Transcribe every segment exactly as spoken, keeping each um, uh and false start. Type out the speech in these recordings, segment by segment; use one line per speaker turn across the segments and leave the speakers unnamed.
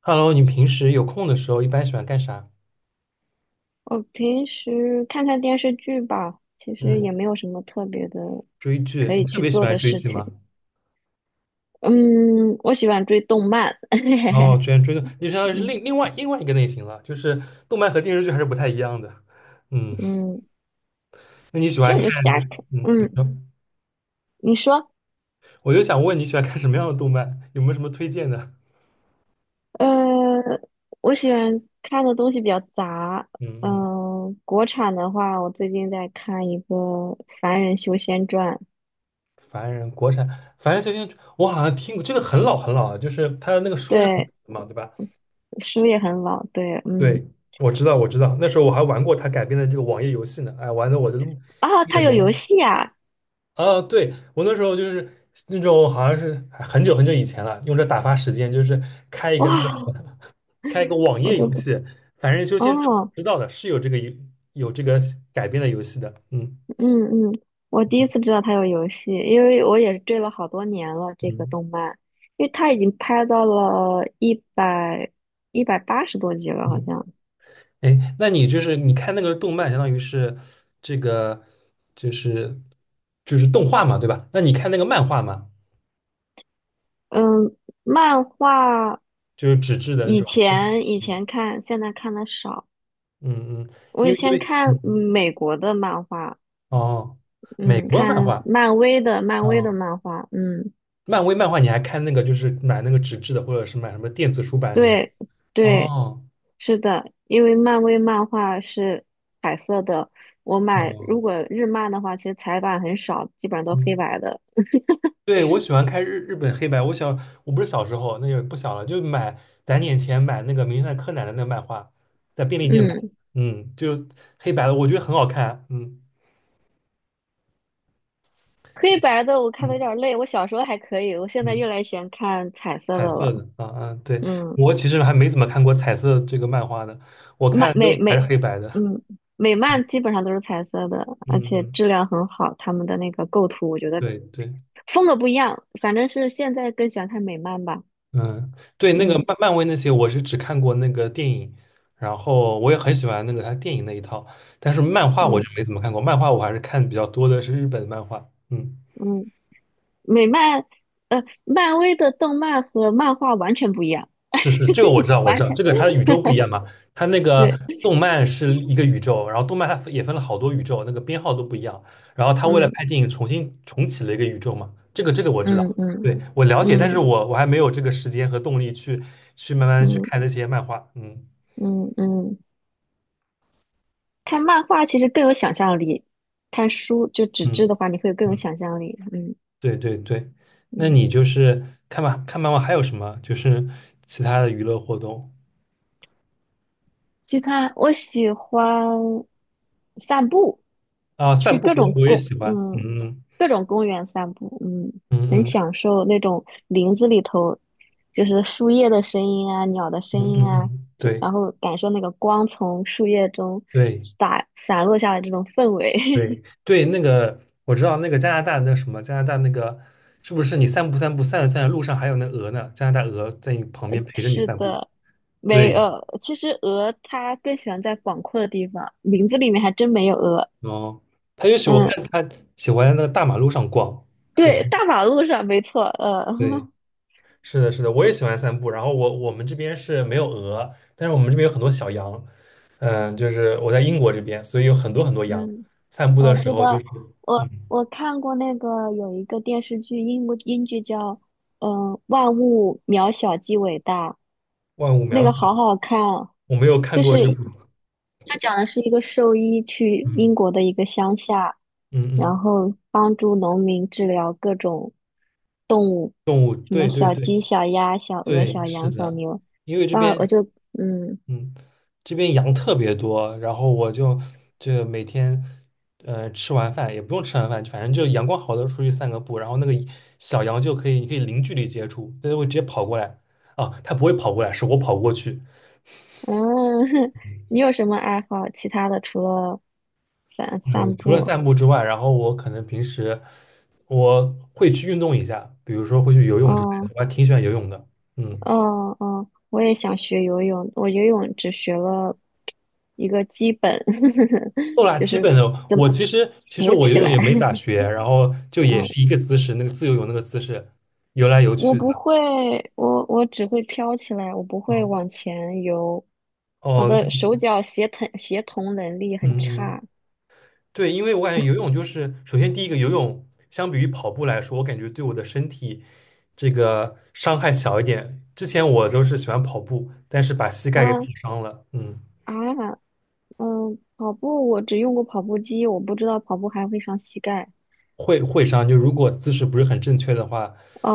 Hello，你平时有空的时候一般喜欢干啥？
我平时看看电视剧吧，其实也
嗯，
没有什么特别的
追剧，
可
你
以
特
去
别喜
做
欢
的
追
事
剧
情。
吗？
嗯，我喜欢追动漫，
哦，居然追的，就相当于是
嗯
另另外另外一个类型了，就是动漫和电视剧还是不太一样的。嗯，
嗯，
那你喜
其实
欢
我
看
就
就
瞎
是
看。
嗯，你
嗯，
说，
你说，
我就想问你喜欢看什么样的动漫？有没有什么推荐的？
呃，我喜欢看的东西比较杂。
嗯嗯，
嗯、国产的话，我最近在看一个《凡人修仙传》，
凡人国产，凡人修仙，我好像听过这个很老很老了，就是他的那个书是很老
对，
的嘛，对吧？
书也很老，对，嗯，
对，我知道我知道，那时候我还玩过他改编的这个网页游戏呢，哎，玩的我都
啊，
一
它
脸
有游
懵。
戏啊，
啊，对，我那时候就是那种好像是很久很久以前了，用这打发时间，就是开一个那个
哇，
开一个网
我
页
都
游
不，
戏，凡人修仙传
哦。
知道的是有这个游有这个改编的游戏的，嗯。
嗯嗯，我第一次知道它有游戏，因为我也是追了好多年了这个
嗯
动漫，因为它已经拍到了一百一百八十多集了，好
嗯，
像。
哎，那你就是你看那个动漫，相当于是这个就是就是动画嘛，对吧？那你看那个漫画嘛，
嗯，漫画
就是纸质的那
以
种，或者
前以
嗯。
前看，现在看的少。
嗯，嗯
我
因
以
为因
前
为
看嗯
嗯
美国的漫画，
哦，美
嗯，
国漫
看
画。
漫威的漫威的
哦。
漫画，嗯。
漫威漫画你还看那个，就是买那个纸质的，或者是买什么电子书版型？
对对，
哦，
是的，因为漫威漫画是彩色的，我买
哦，
如果日漫的话，其实彩版很少，基本上都黑
嗯，
白的。
对，我喜欢看日日本黑白。我小，我不是小时候，那个不小了，就买攒点钱买那个《名侦探柯南》的那个漫画，在便利店买，
嗯，
嗯，就黑白的，我觉得很好看，嗯。
黑
嗯
白的我看的有
嗯，
点累，我小时候还可以，我现在越
嗯
来越喜欢看彩色的
彩色
了。
的，啊啊，对，
嗯，
我其实还没怎么看过彩色这个漫画的，我
漫
看都
美
是还是
美，
黑白的，
嗯，美
嗯。
漫基本上都是彩色的，而
嗯，
且
嗯
质量很好，他们的那个构图我觉得
对对。
风格不一样，反正是现在更喜欢看美漫吧。
嗯，对，那个
嗯
漫漫威那些，我是只看过那个电影，然后我也很喜欢那个他电影那一套，但是漫画我
嗯
就没怎么看过，漫画我还是看比较多的是日本漫画。嗯，
嗯。美漫，呃，漫威的动漫和漫画完全不一样，
是是，这个我知道，我
完
知道，
全
这个它的 宇宙不一样嘛，它那个
对，
动漫是一个宇宙，然后动漫它也分了好多宇宙，那个编号都不一样，然后他为了
嗯
拍电影重新重启了一个宇宙嘛，这个这个我知
嗯
道，
嗯
对，我了解，但是
嗯
我我还没有这个时间和动力去去慢慢去
嗯
看那些漫画。嗯
嗯嗯，看漫画其实更有想象力，看书就纸
嗯。
质的话，你会更有
嗯
想象力，嗯
对对对，那
嗯。
你就是看吧，看妈妈还有什么？就是其他的娱乐活动
其他我喜欢散步，
啊，散
去
步
各
我
种
我也
公，
喜欢，
嗯，
嗯。
各种公园散步，嗯，
嗯
很
嗯
享受那种林子里头，就是树叶的声音啊，鸟的声
嗯。
音
嗯
啊，
嗯，
对
对
然后感受那个光从树叶中
对
洒洒落下来这种氛围。
对 对，那个我知道那个加拿大那什么加拿大那个是不是你散步散步散着散着路上还有那鹅呢？加拿大鹅在你旁
呃
边陪着你
是
散步，
的，没
对
呃，其实鹅它更喜欢在广阔的地方，林子里面还真没有鹅。
哦，他也许我
嗯，
看他喜欢在那个大马路上逛，这
对，
样
大马路上没错，呃。
对。是的，是的，我也喜欢散步。然后我我们这边是没有鹅，但是我们这边有很多小羊。嗯，就是我在英国这边，所以有很多很多羊。
嗯。
散步的
我
时
知
候就
道，
是嗯，
我我看过那个有一个电视剧，英国英剧叫嗯、呃万物渺小即伟大》，
万物
那
渺
个好
小。
好看啊，
我没有看
就
过
是
这部，
它讲的是一个兽医去英
嗯。
国的一个乡下，
嗯
然
嗯，
后帮助农民治疗各种动物，
动物，
什么
对对
小
对
鸡、小鸭、小鹅、
对，
小
是
羊、小
的，
牛，
因为这
啊，
边
我就嗯。
嗯，这边羊特别多，然后我就就每天呃吃完饭也不用吃完饭，反正就阳光好的时候出去散个步，然后那个小羊就可以你可以零距离接触，它就会直接跑过来。哦，它不会跑过来，是我跑过去。
嗯，
嗯，
你有什么爱好？其他的除了散
呃
散
除了
步？
散步之外，然后我可能平时我会去运动一下，比如说会去游泳之类的，
哦
我还挺喜欢游泳的。嗯。
哦哦，我也想学游泳，我游泳只学了一个基本，
够啦，
就
基
是
本的。
怎么
我其实其实
浮
我游
起
泳
来。
也没咋 学，然后就也
嗯，
是一个姿势，那个自由泳那个姿势，游来游
我
去的。
不会，我我只会飘起来，我不会
嗯，
往前游，我
哦，
的手脚协同协同能力很
嗯，嗯
差。
对，因为我感觉游泳就是，首先第一个游泳相比于跑步来说，我感觉对我的身体这个伤害小一点。之前我都是喜欢跑步，但是把膝盖给跑
嗯
伤了。嗯，
啊，嗯，跑步我只用过跑步机，我不知道跑步还会伤膝盖。
会会伤，就如果姿势不是很正确的话，
啊，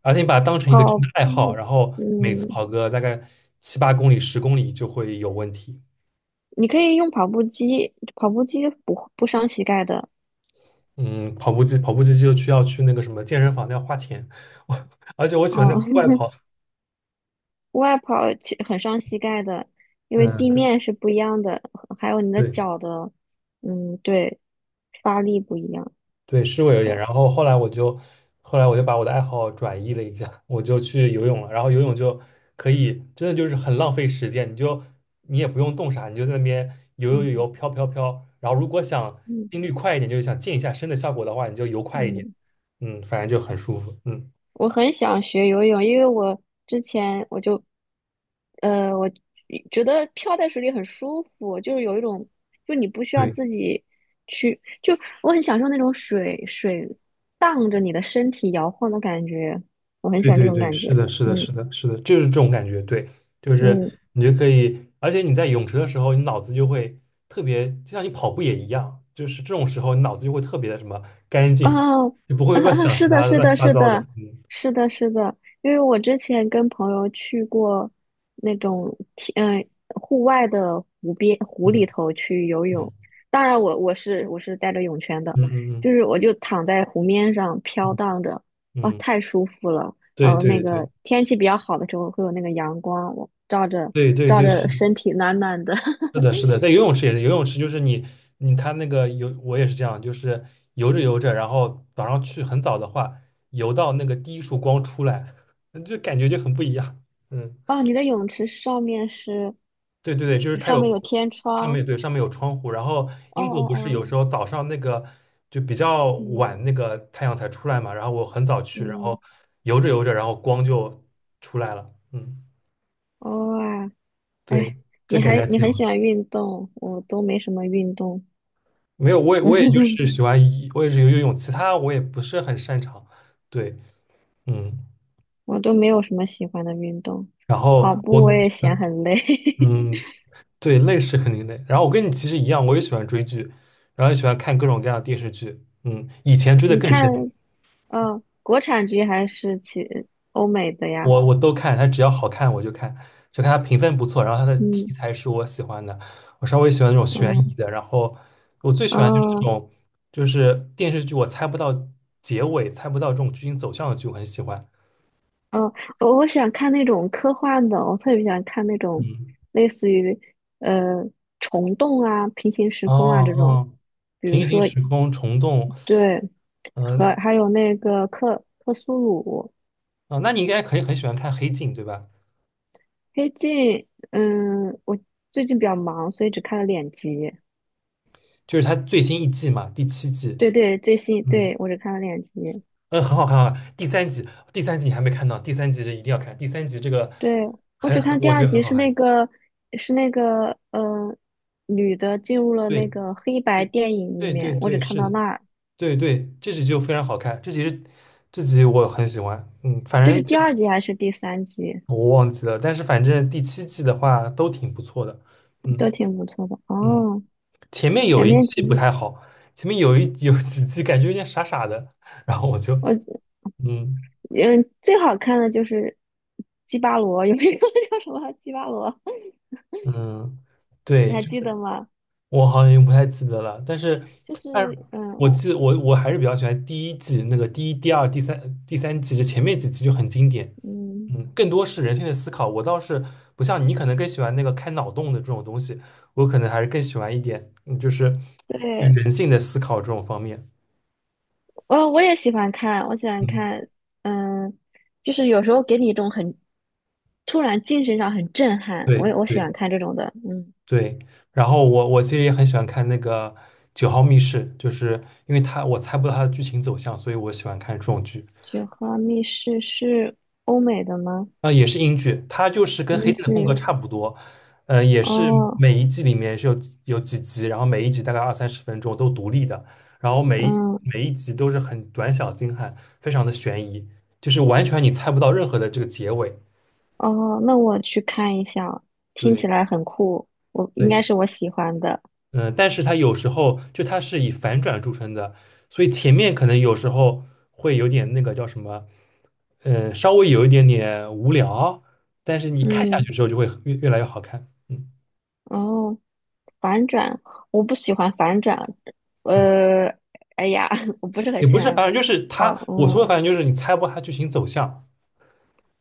而且你把它当成一个真
跑
的爱好，
步，
然后每次
嗯，
跑个大概七八公里、十公里就会有问题。
你可以用跑步机，跑步机不不伤膝盖的。
嗯，跑步机，跑步机就需要去那个什么健身房，要花钱。我而且我喜欢在
哦，
户外 跑，
户外跑其很伤膝盖的，因为
嗯，
地
可
面是不一样的，还有你的
对
脚的，嗯，对，发力不一样。
对，是会
是
有点。
的，
然后后来我就，后来我就把我的爱好转移了一下，我就去游泳了。然后游泳就可以，真的就是很浪费时间，你就你也不用动啥，你就在那边游游游游，
嗯
飘飘飘。然后如果想
嗯
心率快一点，就是想健一下身的效果的话，你就游快一点，
嗯。
嗯，反正就很舒服，嗯。
我很想学游泳，因为我之前我就，呃，我觉得漂在水里很舒服，就是有一种，就你不需要
对。
自己去，就我很享受那种水水荡着你的身体摇晃的感觉，我很
对
喜欢这
对
种
对，
感觉。
是的，是的，
嗯
是的，是的，就是这种感觉。对，就是
嗯。
你就可以，而且你在泳池的时候，你脑子就会特别，就像你跑步也一样，就是这种时候，你脑子就会特别的什么干净，
哦，
就不会
啊啊，
乱 想
是
其
的，
他的
是
乱七
的，
八
是
糟的。
的，是的，是的，因为我之前跟朋友去过那种天，嗯、户外的湖边湖里
嗯
头去游泳，
嗯。
当然我我是我是带着泳圈的，
嗯嗯。嗯
就是我就躺在湖面上飘
嗯
荡着，啊，
嗯，嗯
太舒服了。然
对
后那
对对
个天气比较好的时候会有那个阳光，我照着
对对
照
对，是
着
的。
身体暖暖的。
是 的，是的，在游泳池也是，游泳池就是你你他那个游，我也是这样，就是游着游着，然后早上去很早的话，游到那个第一束光出来，就感觉就很不一样。嗯，
哦，你的泳池上面是
对对对，就是它
上
有
面有天
上
窗。
面对上面有窗户，然后
哦
英国
哦
不是
哦。
有时候早上那个就比较
嗯
晚那个太阳才出来嘛，然后我很早去，然后
嗯，
游着游着，然后光就出来了。嗯，
哦啊，
对，
哎，
这
你
感觉
还
还
你
挺
很
好。
喜欢运动，我都没什么运动，
没有，我也我也就 是喜欢游，我也是游游泳，其他我也不是很擅长。对，嗯，
我都没有什么喜欢的运动，
然后
跑
我
步我
跟，
也嫌很累。
嗯，对，累是肯定累。然后我跟你其实一样，我也喜欢追剧，然后也喜欢看各种各样的电视剧。嗯，以 前追的
你
更深，
看，嗯、国产剧还是其欧美的呀？
我我都看，它只要好看我就看，就看它评分不错，然后它的题
嗯
材是我喜欢的，我稍微喜欢那种悬
嗯
疑的，然后我最喜欢就是那
哦
种就是电视剧我猜不到结尾，猜不到这种剧情走向的剧，我很喜欢。
哦，我我想看那种科幻的，我特别想看那种
嗯。
类似于呃虫洞啊、平行时
哦
空啊这种，
哦，
比如
平行
说
时空虫洞，
对，和
嗯
还有那个克克苏鲁
哦，那你应该可以很喜欢看《黑镜》对吧？
黑镜，嗯，我最近比较忙，所以只看了两集。
就是它最新一季嘛，第七季，
对对，最新，
嗯。
对，我只看了两集。
嗯，很好看啊。第三集，第三集你还没看到，第三集是一定要看，第三集这个
对，我只
很很，
看第
我
二
觉得很
集
好
是
看。
那个是那个呃女的进入了那
对，
个黑白
第
电影里
对对
面，我只
对，
看
是
到
的，
那儿。
对对，这集就非常好看，这集是这集我很喜欢，嗯，反
这
正
是第
这个
二集还是第三集？
我忘记了，但是反正第七季的话都挺不错的，
都
嗯。
挺不错的
嗯。
哦。
前面有
前
一
面
季
几
不
集
太好，前面有一有几季感觉有点傻傻的，然后我就
我
嗯。
嗯最好看的就是基巴罗，有一个 叫什么基巴罗？
嗯，
你
对，
还
就
记得吗？
我好像也不太记得了，但是
就是
但是
嗯
我记得我我还是比较喜欢第一季那个第一、第二、第三、第三季，这前面几季就很经典，
嗯，
嗯，更多是人性的思考。我倒是不像你，可能更喜欢那个开脑洞的这种东西，我可能还是更喜欢一点，嗯，就是
对，
人性的思考这种方面。
哦，我也喜欢看，我喜欢
嗯，
看，嗯，就是有时候给你一种很突然精神上很震撼，
对
我也我喜
对。
欢看这种的，嗯，
对，然后我我其实也很喜欢看那个《九号密室》，就是因为它我猜不到它的剧情走向，所以我喜欢看这种剧。
《雪花密室》是欧美的吗？
啊、也是英剧，它就是跟《黑
英
镜》的风
剧？
格差不多，呃，也是
哦，
每一季里面是有几有几集，然后每一集大概二三十分钟都独立的，然后每一
嗯，
每一集都是很短小精悍，非常的悬疑，就是完全你猜不到任何的这个结尾。
哦，那我去看一下，听起
对
来很酷，我应该
对，
是我喜欢的，
嗯，呃但是它有时候就它是以反转著称的，所以前面可能有时候会有点那个叫什么，呃，稍微有一点点无聊，但是你看下
嗯，
去之后就会越越来越好看。嗯。
哦。反转，我不喜欢反转。
嗯，
呃，哎呀，我不是很
也
喜
不是
欢
反正就是
搞，
它，我说的
嗯，
反正就是你猜不到它剧情走向，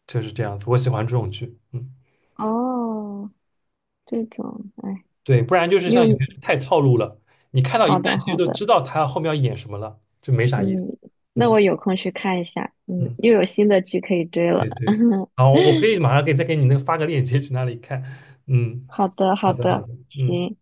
就是这样子。我喜欢这种剧，嗯，
哦，这种，哎，
对，不然就是
你
像
有，
有些人太套路了，你看到一
好
半
的，
其实
好
都
的，
知道它后面要演什么了，就没啥意
嗯，
思。
那
嗯。
我有空去看一下，嗯，
嗯。
又有新的剧可以追了。
对对，好，我可以马上给再给你那个发个链接去那里看。嗯，
好的，
好
好
的好
的，
的，嗯。
行。